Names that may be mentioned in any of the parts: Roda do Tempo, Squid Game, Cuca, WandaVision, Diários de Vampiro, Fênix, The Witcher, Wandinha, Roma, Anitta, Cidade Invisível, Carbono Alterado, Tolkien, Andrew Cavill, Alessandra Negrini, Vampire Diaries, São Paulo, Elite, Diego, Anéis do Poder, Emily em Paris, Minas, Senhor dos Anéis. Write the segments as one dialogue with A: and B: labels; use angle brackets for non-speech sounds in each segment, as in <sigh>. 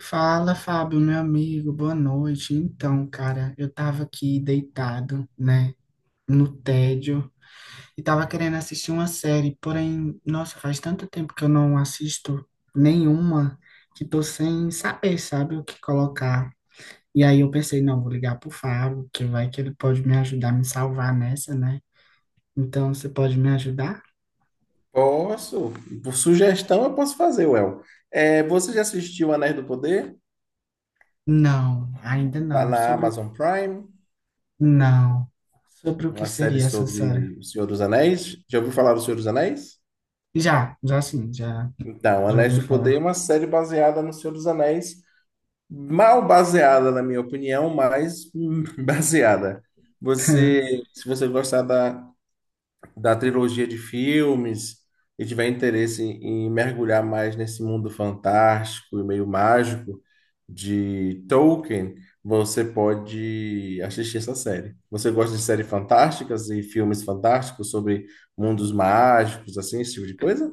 A: Fala, Fábio, meu amigo, boa noite. Então, cara, eu tava aqui deitado, né, no tédio, e tava querendo assistir uma série, porém, nossa, faz tanto tempo que eu não assisto nenhuma, que tô sem saber, sabe, o que colocar. E aí eu pensei, não, vou ligar pro Fábio, que vai que ele pode me ajudar, me salvar nessa, né? Então, você pode me ajudar?
B: Posso. Por sugestão, eu posso fazer, Well. É, você já assistiu Anéis do Poder?
A: Não, ainda
B: Tá
A: não.
B: na
A: Sobre o...
B: Amazon Prime,
A: Não. Sobre o que
B: uma série
A: seria essa série?
B: sobre o Senhor dos Anéis. Já ouviu falar do Senhor dos Anéis?
A: Já sim, já.
B: Então,
A: Já
B: Anéis
A: ouviu
B: do Poder é
A: falar?
B: uma série baseada no Senhor dos Anéis, mal baseada, na minha opinião, mas <laughs> baseada. Você,
A: <laughs>
B: se você gostar da, da trilogia de filmes e tiver interesse em mergulhar mais nesse mundo fantástico e meio mágico de Tolkien, você pode assistir essa série. Você gosta de séries fantásticas e filmes fantásticos sobre mundos mágicos, assim, esse tipo de coisa?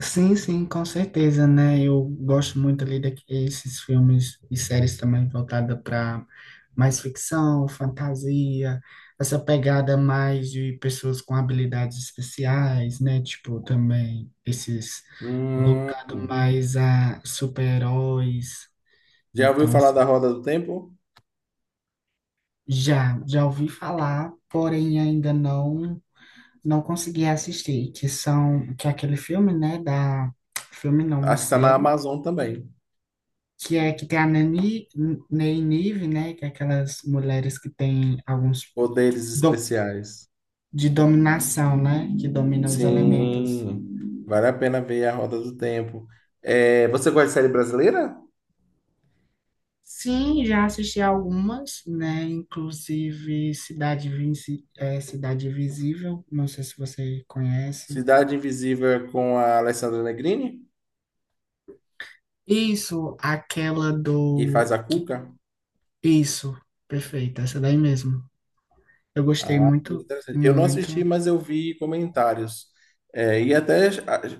A: Sim, sim, com certeza, né? Eu gosto muito ali desses filmes e séries também voltada para mais ficção, fantasia, essa pegada mais de pessoas com habilidades especiais, né? Tipo, também esses
B: Hum,
A: voltado mais a super-heróis.
B: já ouviu
A: Então,
B: falar
A: assim,
B: da Roda do Tempo?
A: já ouvi falar, porém ainda não. Não consegui assistir, que são, que é aquele filme, né, da, filme não, uma
B: Acho que está na
A: série,
B: Amazon também.
A: que é que tem a Nani, Ney Nive, né, que é aquelas mulheres que têm alguns,
B: Poderes
A: do,
B: especiais.
A: de dominação, né, que dominam os elementos.
B: Sim, vale a pena ver a Roda do Tempo. É, você gosta de série brasileira?
A: Sim, já assisti algumas, né, inclusive Cidade Invisível, não sei se você conhece.
B: Cidade Invisível é com a Alessandra Negrini,
A: Isso, aquela
B: que
A: do,
B: faz a
A: que,
B: Cuca.
A: isso, perfeito, essa daí mesmo. Eu gostei
B: Ah, muito
A: muito,
B: interessante. Eu não
A: muito.
B: assisti, mas eu vi comentários. É, e até,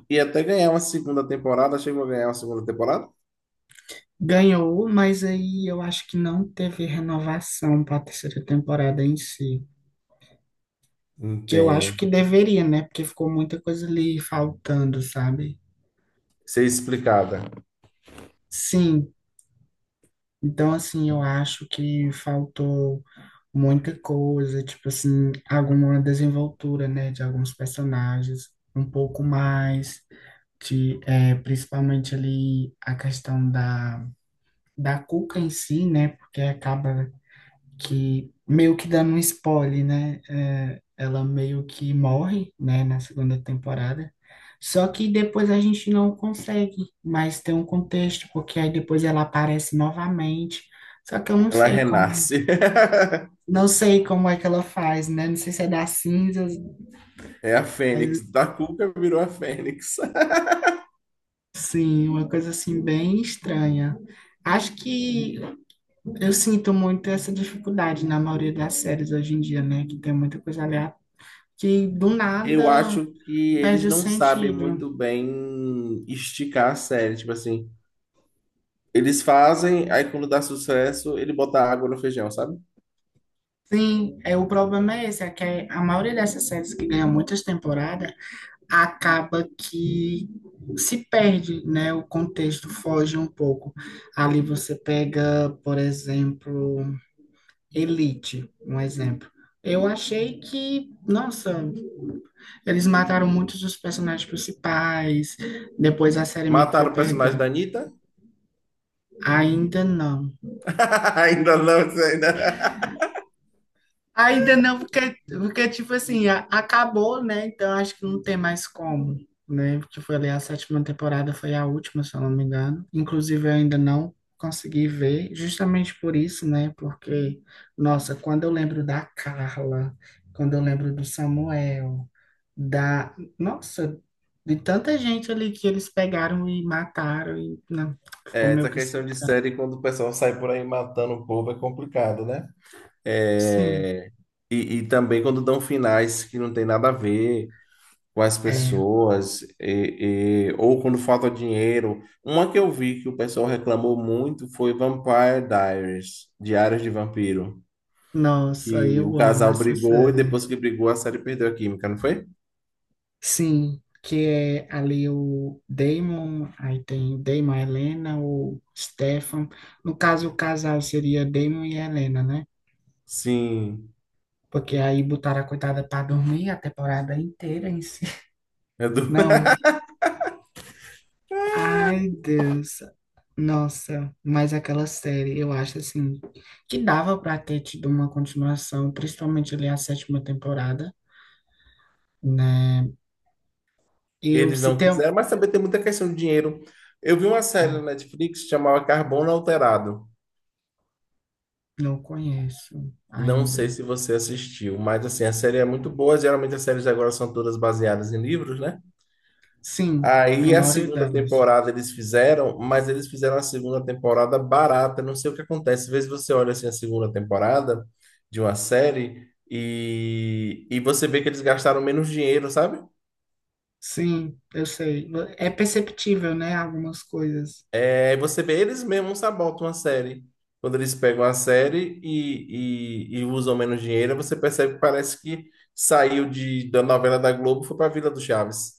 B: e até ganhar uma segunda temporada, chegou a ganhar uma segunda temporada?
A: Ganhou, mas aí eu acho que não teve renovação para a terceira temporada em si. Que eu acho que
B: Entendo.
A: deveria, né? Porque ficou muita coisa ali faltando, sabe?
B: Ser explicada.
A: Sim. Então, assim, eu acho que faltou muita coisa, tipo assim, alguma desenvoltura, né? De alguns personagens, um pouco mais. De, é, principalmente ali a questão da, da Cuca em si, né? Porque acaba que meio que dando um spoiler, né? É, ela meio que morre, né, na segunda temporada. Só que depois a gente não consegue mais ter um contexto, porque aí depois ela aparece novamente. Só que eu não
B: Ela
A: sei como,
B: renasce. <laughs>
A: não sei como é que ela faz, né? Não sei se é das cinzas,
B: É a Fênix.
A: mas
B: Da Cuca virou a Fênix. <laughs>
A: sim, uma coisa assim bem estranha. Acho que eu sinto muito essa dificuldade na maioria das séries hoje em dia, né? Que tem muita coisa aleatória que do
B: Eu
A: nada.
B: acho que eles
A: Perde o
B: não sabem
A: sentido.
B: muito bem esticar a série. Tipo assim, eles fazem, aí quando dá sucesso, ele bota água no feijão, sabe?
A: Sim, é, o problema é esse, é que a maioria dessas séries que ganha muitas temporadas acaba que se perde, né? O contexto foge um pouco. Ali você pega, por exemplo, Elite, um exemplo. Eu achei que, nossa, eles mataram muitos dos personagens principais, depois a série meio que foi
B: Mataram o personagem
A: perdendo.
B: da Anitta?
A: Ainda não.
B: <laughs> Ainda não, isso ainda.
A: Ainda não, porque, porque tipo assim, acabou, né? Então acho que não tem mais como, né? Porque foi ali a sétima temporada, foi a última, se eu não me engano. Inclusive, eu ainda não consegui ver, justamente por isso, né? Porque, nossa, quando eu lembro da Carla, quando eu lembro do Samuel, da. Nossa, de tanta gente ali que eles pegaram e mataram, e não, ficou
B: É,
A: meio
B: essa
A: que sem
B: questão de
A: graça.
B: série, quando o pessoal sai por aí matando o povo, é complicado, né?
A: Sim,
B: É, E, e também quando dão finais que não tem nada a ver com as
A: é.
B: pessoas, ou quando falta dinheiro. Uma que eu vi que o pessoal reclamou muito foi Vampire Diaries, Diários de Vampiro,
A: Nossa,
B: que o
A: eu amo
B: casal
A: essa
B: brigou e
A: série.
B: depois que brigou a série perdeu a química, não foi?
A: Sim, que é ali o Damon, aí tem o Damon, a Helena, o Stefan. No caso, o casal seria Damon e Helena, né?
B: Sim,
A: Porque aí botaram a coitada para dormir a temporada inteira em si.
B: é
A: <laughs>
B: do- <laughs>
A: Não, ai Deus, nossa, mas aquela série, eu acho assim, que dava para ter tido uma continuação, principalmente ali a sétima temporada, né? E eu
B: eles
A: se
B: não
A: tem. Um,
B: quiseram, mas também tem muita questão de dinheiro. Eu vi uma série na
A: ah,
B: Netflix chamada chamava Carbono Alterado.
A: não conheço
B: Não sei
A: ainda.
B: se você assistiu, mas assim, a série é muito boa. Geralmente as séries agora são todas baseadas em livros, né?
A: Sim, a
B: Aí a
A: maioria
B: segunda
A: delas.
B: temporada eles fizeram, mas eles fizeram a segunda temporada barata. Não sei o que acontece. Às vezes você olha assim a segunda temporada de uma série e você vê que eles gastaram menos dinheiro, sabe?
A: Sim, eu sei. É perceptível, né? Algumas coisas.
B: Aí você vê eles mesmos sabotam a série. Quando eles pegam a série e usam menos dinheiro, você percebe que parece que saiu da novela da Globo e foi para Vila do Chaves.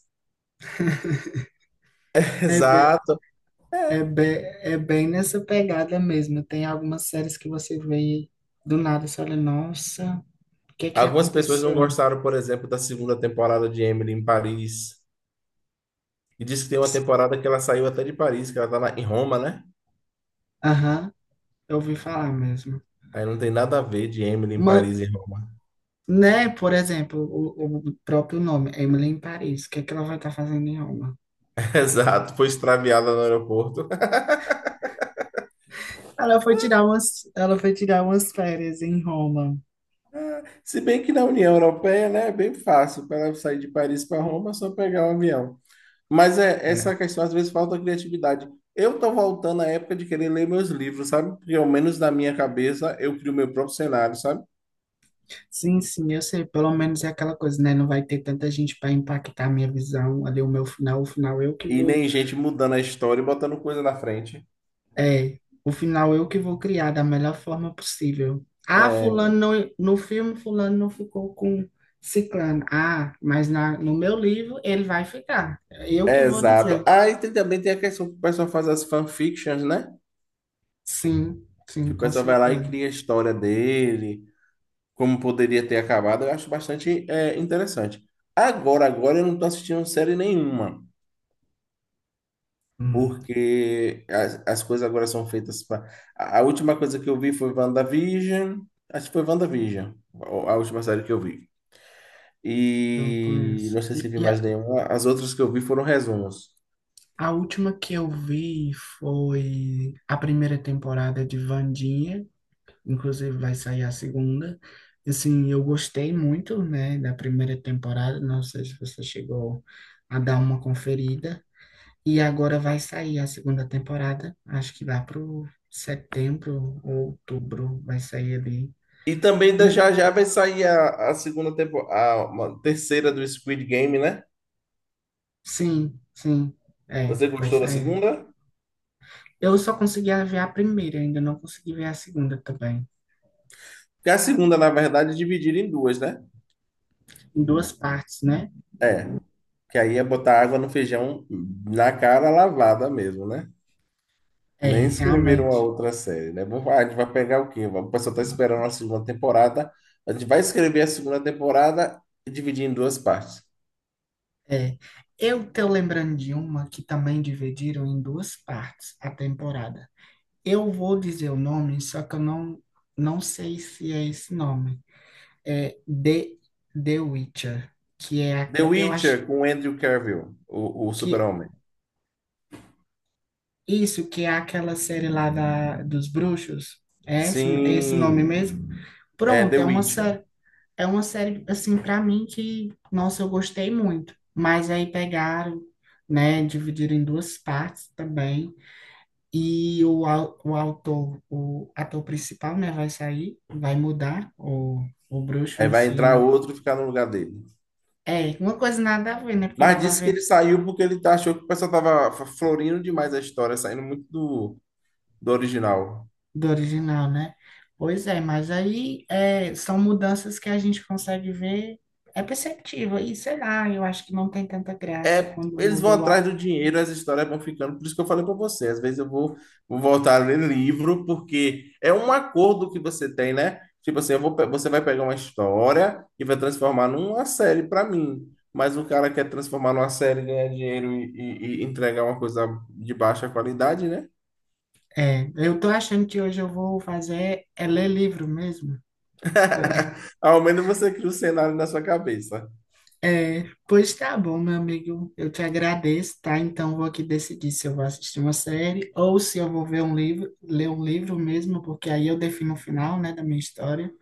B: <laughs>
A: É, be,
B: Exato.
A: é,
B: É.
A: be, é bem nessa pegada mesmo. Tem algumas séries que você vê e do nada, você olha, nossa, o que é que
B: Algumas pessoas não
A: aconteceu?
B: gostaram, por exemplo, da segunda temporada de Emily em Paris. E disse que tem uma
A: S-
B: temporada que ela saiu até de Paris, que ela tá lá em Roma, né?
A: Aham, eu ouvi falar mesmo.
B: Aí não tem nada a ver de Emily em
A: Uma,
B: Paris e Roma.
A: né, por exemplo, o próprio nome, Emily em Paris. O que é que ela vai estar fazendo em Roma?
B: <laughs> Exato, foi extraviada no aeroporto. <laughs>
A: Ela foi tirar umas, ela foi tirar umas férias em Roma.
B: Se bem que na União Europeia, né, é bem fácil para ela sair de Paris para Roma, é só pegar um avião. Mas é essa
A: É.
B: questão, às vezes falta criatividade. Eu tô voltando à época de querer ler meus livros, sabe? Porque ao menos na minha cabeça eu crio meu próprio cenário, sabe?
A: Sim, sim, eu sei, pelo menos é aquela coisa, né? Não vai ter tanta gente para impactar a minha visão ali, o meu final, o final eu que
B: E
A: vou,
B: nem gente mudando a história e botando coisa na frente.
A: é, o final eu que vou criar da melhor forma possível. Ah,
B: É,
A: fulano não, no filme fulano não ficou com ciclano. Ah, mas na, no meu livro ele vai ficar. Eu que
B: é
A: vou
B: exato.
A: dizer.
B: Aí tem, também tem a questão que o pessoal faz as fanfictions, né?
A: Sim,
B: Que
A: sim,
B: o
A: com
B: pessoal vai lá e
A: certeza.
B: cria a história dele, como poderia ter acabado, eu acho bastante é, interessante. Agora eu não estou assistindo série nenhuma,
A: Hum,
B: porque as coisas agora são feitas para. A última coisa que eu vi foi WandaVision, acho que foi WandaVision, a, a última série que eu vi.
A: não
B: E
A: conheço.
B: não sei se vi mais nenhuma, as outras que eu vi foram resumos.
A: A última que eu vi foi a primeira temporada de Wandinha, inclusive vai sair a segunda. Assim, eu gostei muito, né, da primeira temporada, não sei se você chegou a dar uma conferida. E agora vai sair a segunda temporada, acho que lá pro setembro ou outubro vai sair ali.
B: E também
A: E
B: já já vai sair a segunda temporada, a uma terceira do Squid Game, né?
A: sim, sim, é,
B: Você
A: vai
B: gostou da
A: sair.
B: segunda?
A: Eu só consegui ver a primeira, ainda não consegui ver a segunda também.
B: Porque a segunda, na verdade, é dividida em duas, né?
A: Em duas partes, né?
B: É. Que aí é botar água no feijão na cara lavada mesmo, né?
A: É,
B: Nem escreveram a
A: realmente.
B: outra série, né? Ah, a gente vai pegar o quê? O pessoal tá esperando a segunda temporada. A gente vai escrever a segunda temporada e dividir em duas partes.
A: É, eu tô lembrando de uma que também dividiram em duas partes a temporada. Eu vou dizer o nome, só que eu não, não sei se é esse nome. É The, The Witcher, que é
B: The
A: eu acho
B: Witcher com Andrew Cavill, o
A: que
B: super-homem.
A: isso que é aquela série lá da, dos bruxos. É esse nome
B: Sim,
A: mesmo?
B: é
A: Pronto,
B: The Witcher.
A: é uma série assim para mim que, nossa, eu gostei muito. Mas aí pegaram, né, dividiram em duas partes também. E o autor, o ator principal, né, vai sair, vai mudar, o bruxo
B: Aí
A: em
B: vai
A: si
B: entrar
A: não...
B: outro e ficar no lugar dele.
A: É, uma coisa nada a ver, né, porque dá
B: Mas
A: para
B: disse que
A: ver
B: ele saiu porque achou que o pessoal tava florindo demais a história, saindo muito do original.
A: do original, né? Pois é, mas aí é, são mudanças que a gente consegue ver, é perceptível, e sei lá, eu acho que não tem tanta graça
B: É,
A: quando
B: eles vão
A: muda o...
B: atrás do dinheiro, as histórias vão ficando. Por isso que eu falei para você, às vezes vou voltar a ler livro, porque é um acordo que você tem, né? Tipo assim, você vai pegar uma história e vai transformar numa série para mim. Mas o cara quer transformar numa série, ganhar dinheiro e entregar uma coisa de baixa qualidade, né?
A: É, eu tô achando que hoje eu vou fazer, é ler livro mesmo.
B: <laughs> Ao menos você cria o cenário na sua cabeça.
A: É, pois tá bom, meu amigo. Eu te agradeço, tá? Então vou aqui decidir se eu vou assistir uma série ou se eu vou ver um livro, ler um livro mesmo, porque aí eu defino o final, né, da minha história.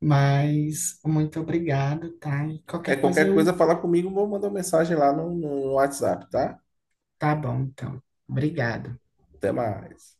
A: Mas muito obrigado, tá? E
B: É
A: qualquer coisa
B: qualquer coisa,
A: eu.
B: fala comigo, vou mandar uma mensagem lá no WhatsApp, tá?
A: Tá bom, então. Obrigado.
B: Até mais.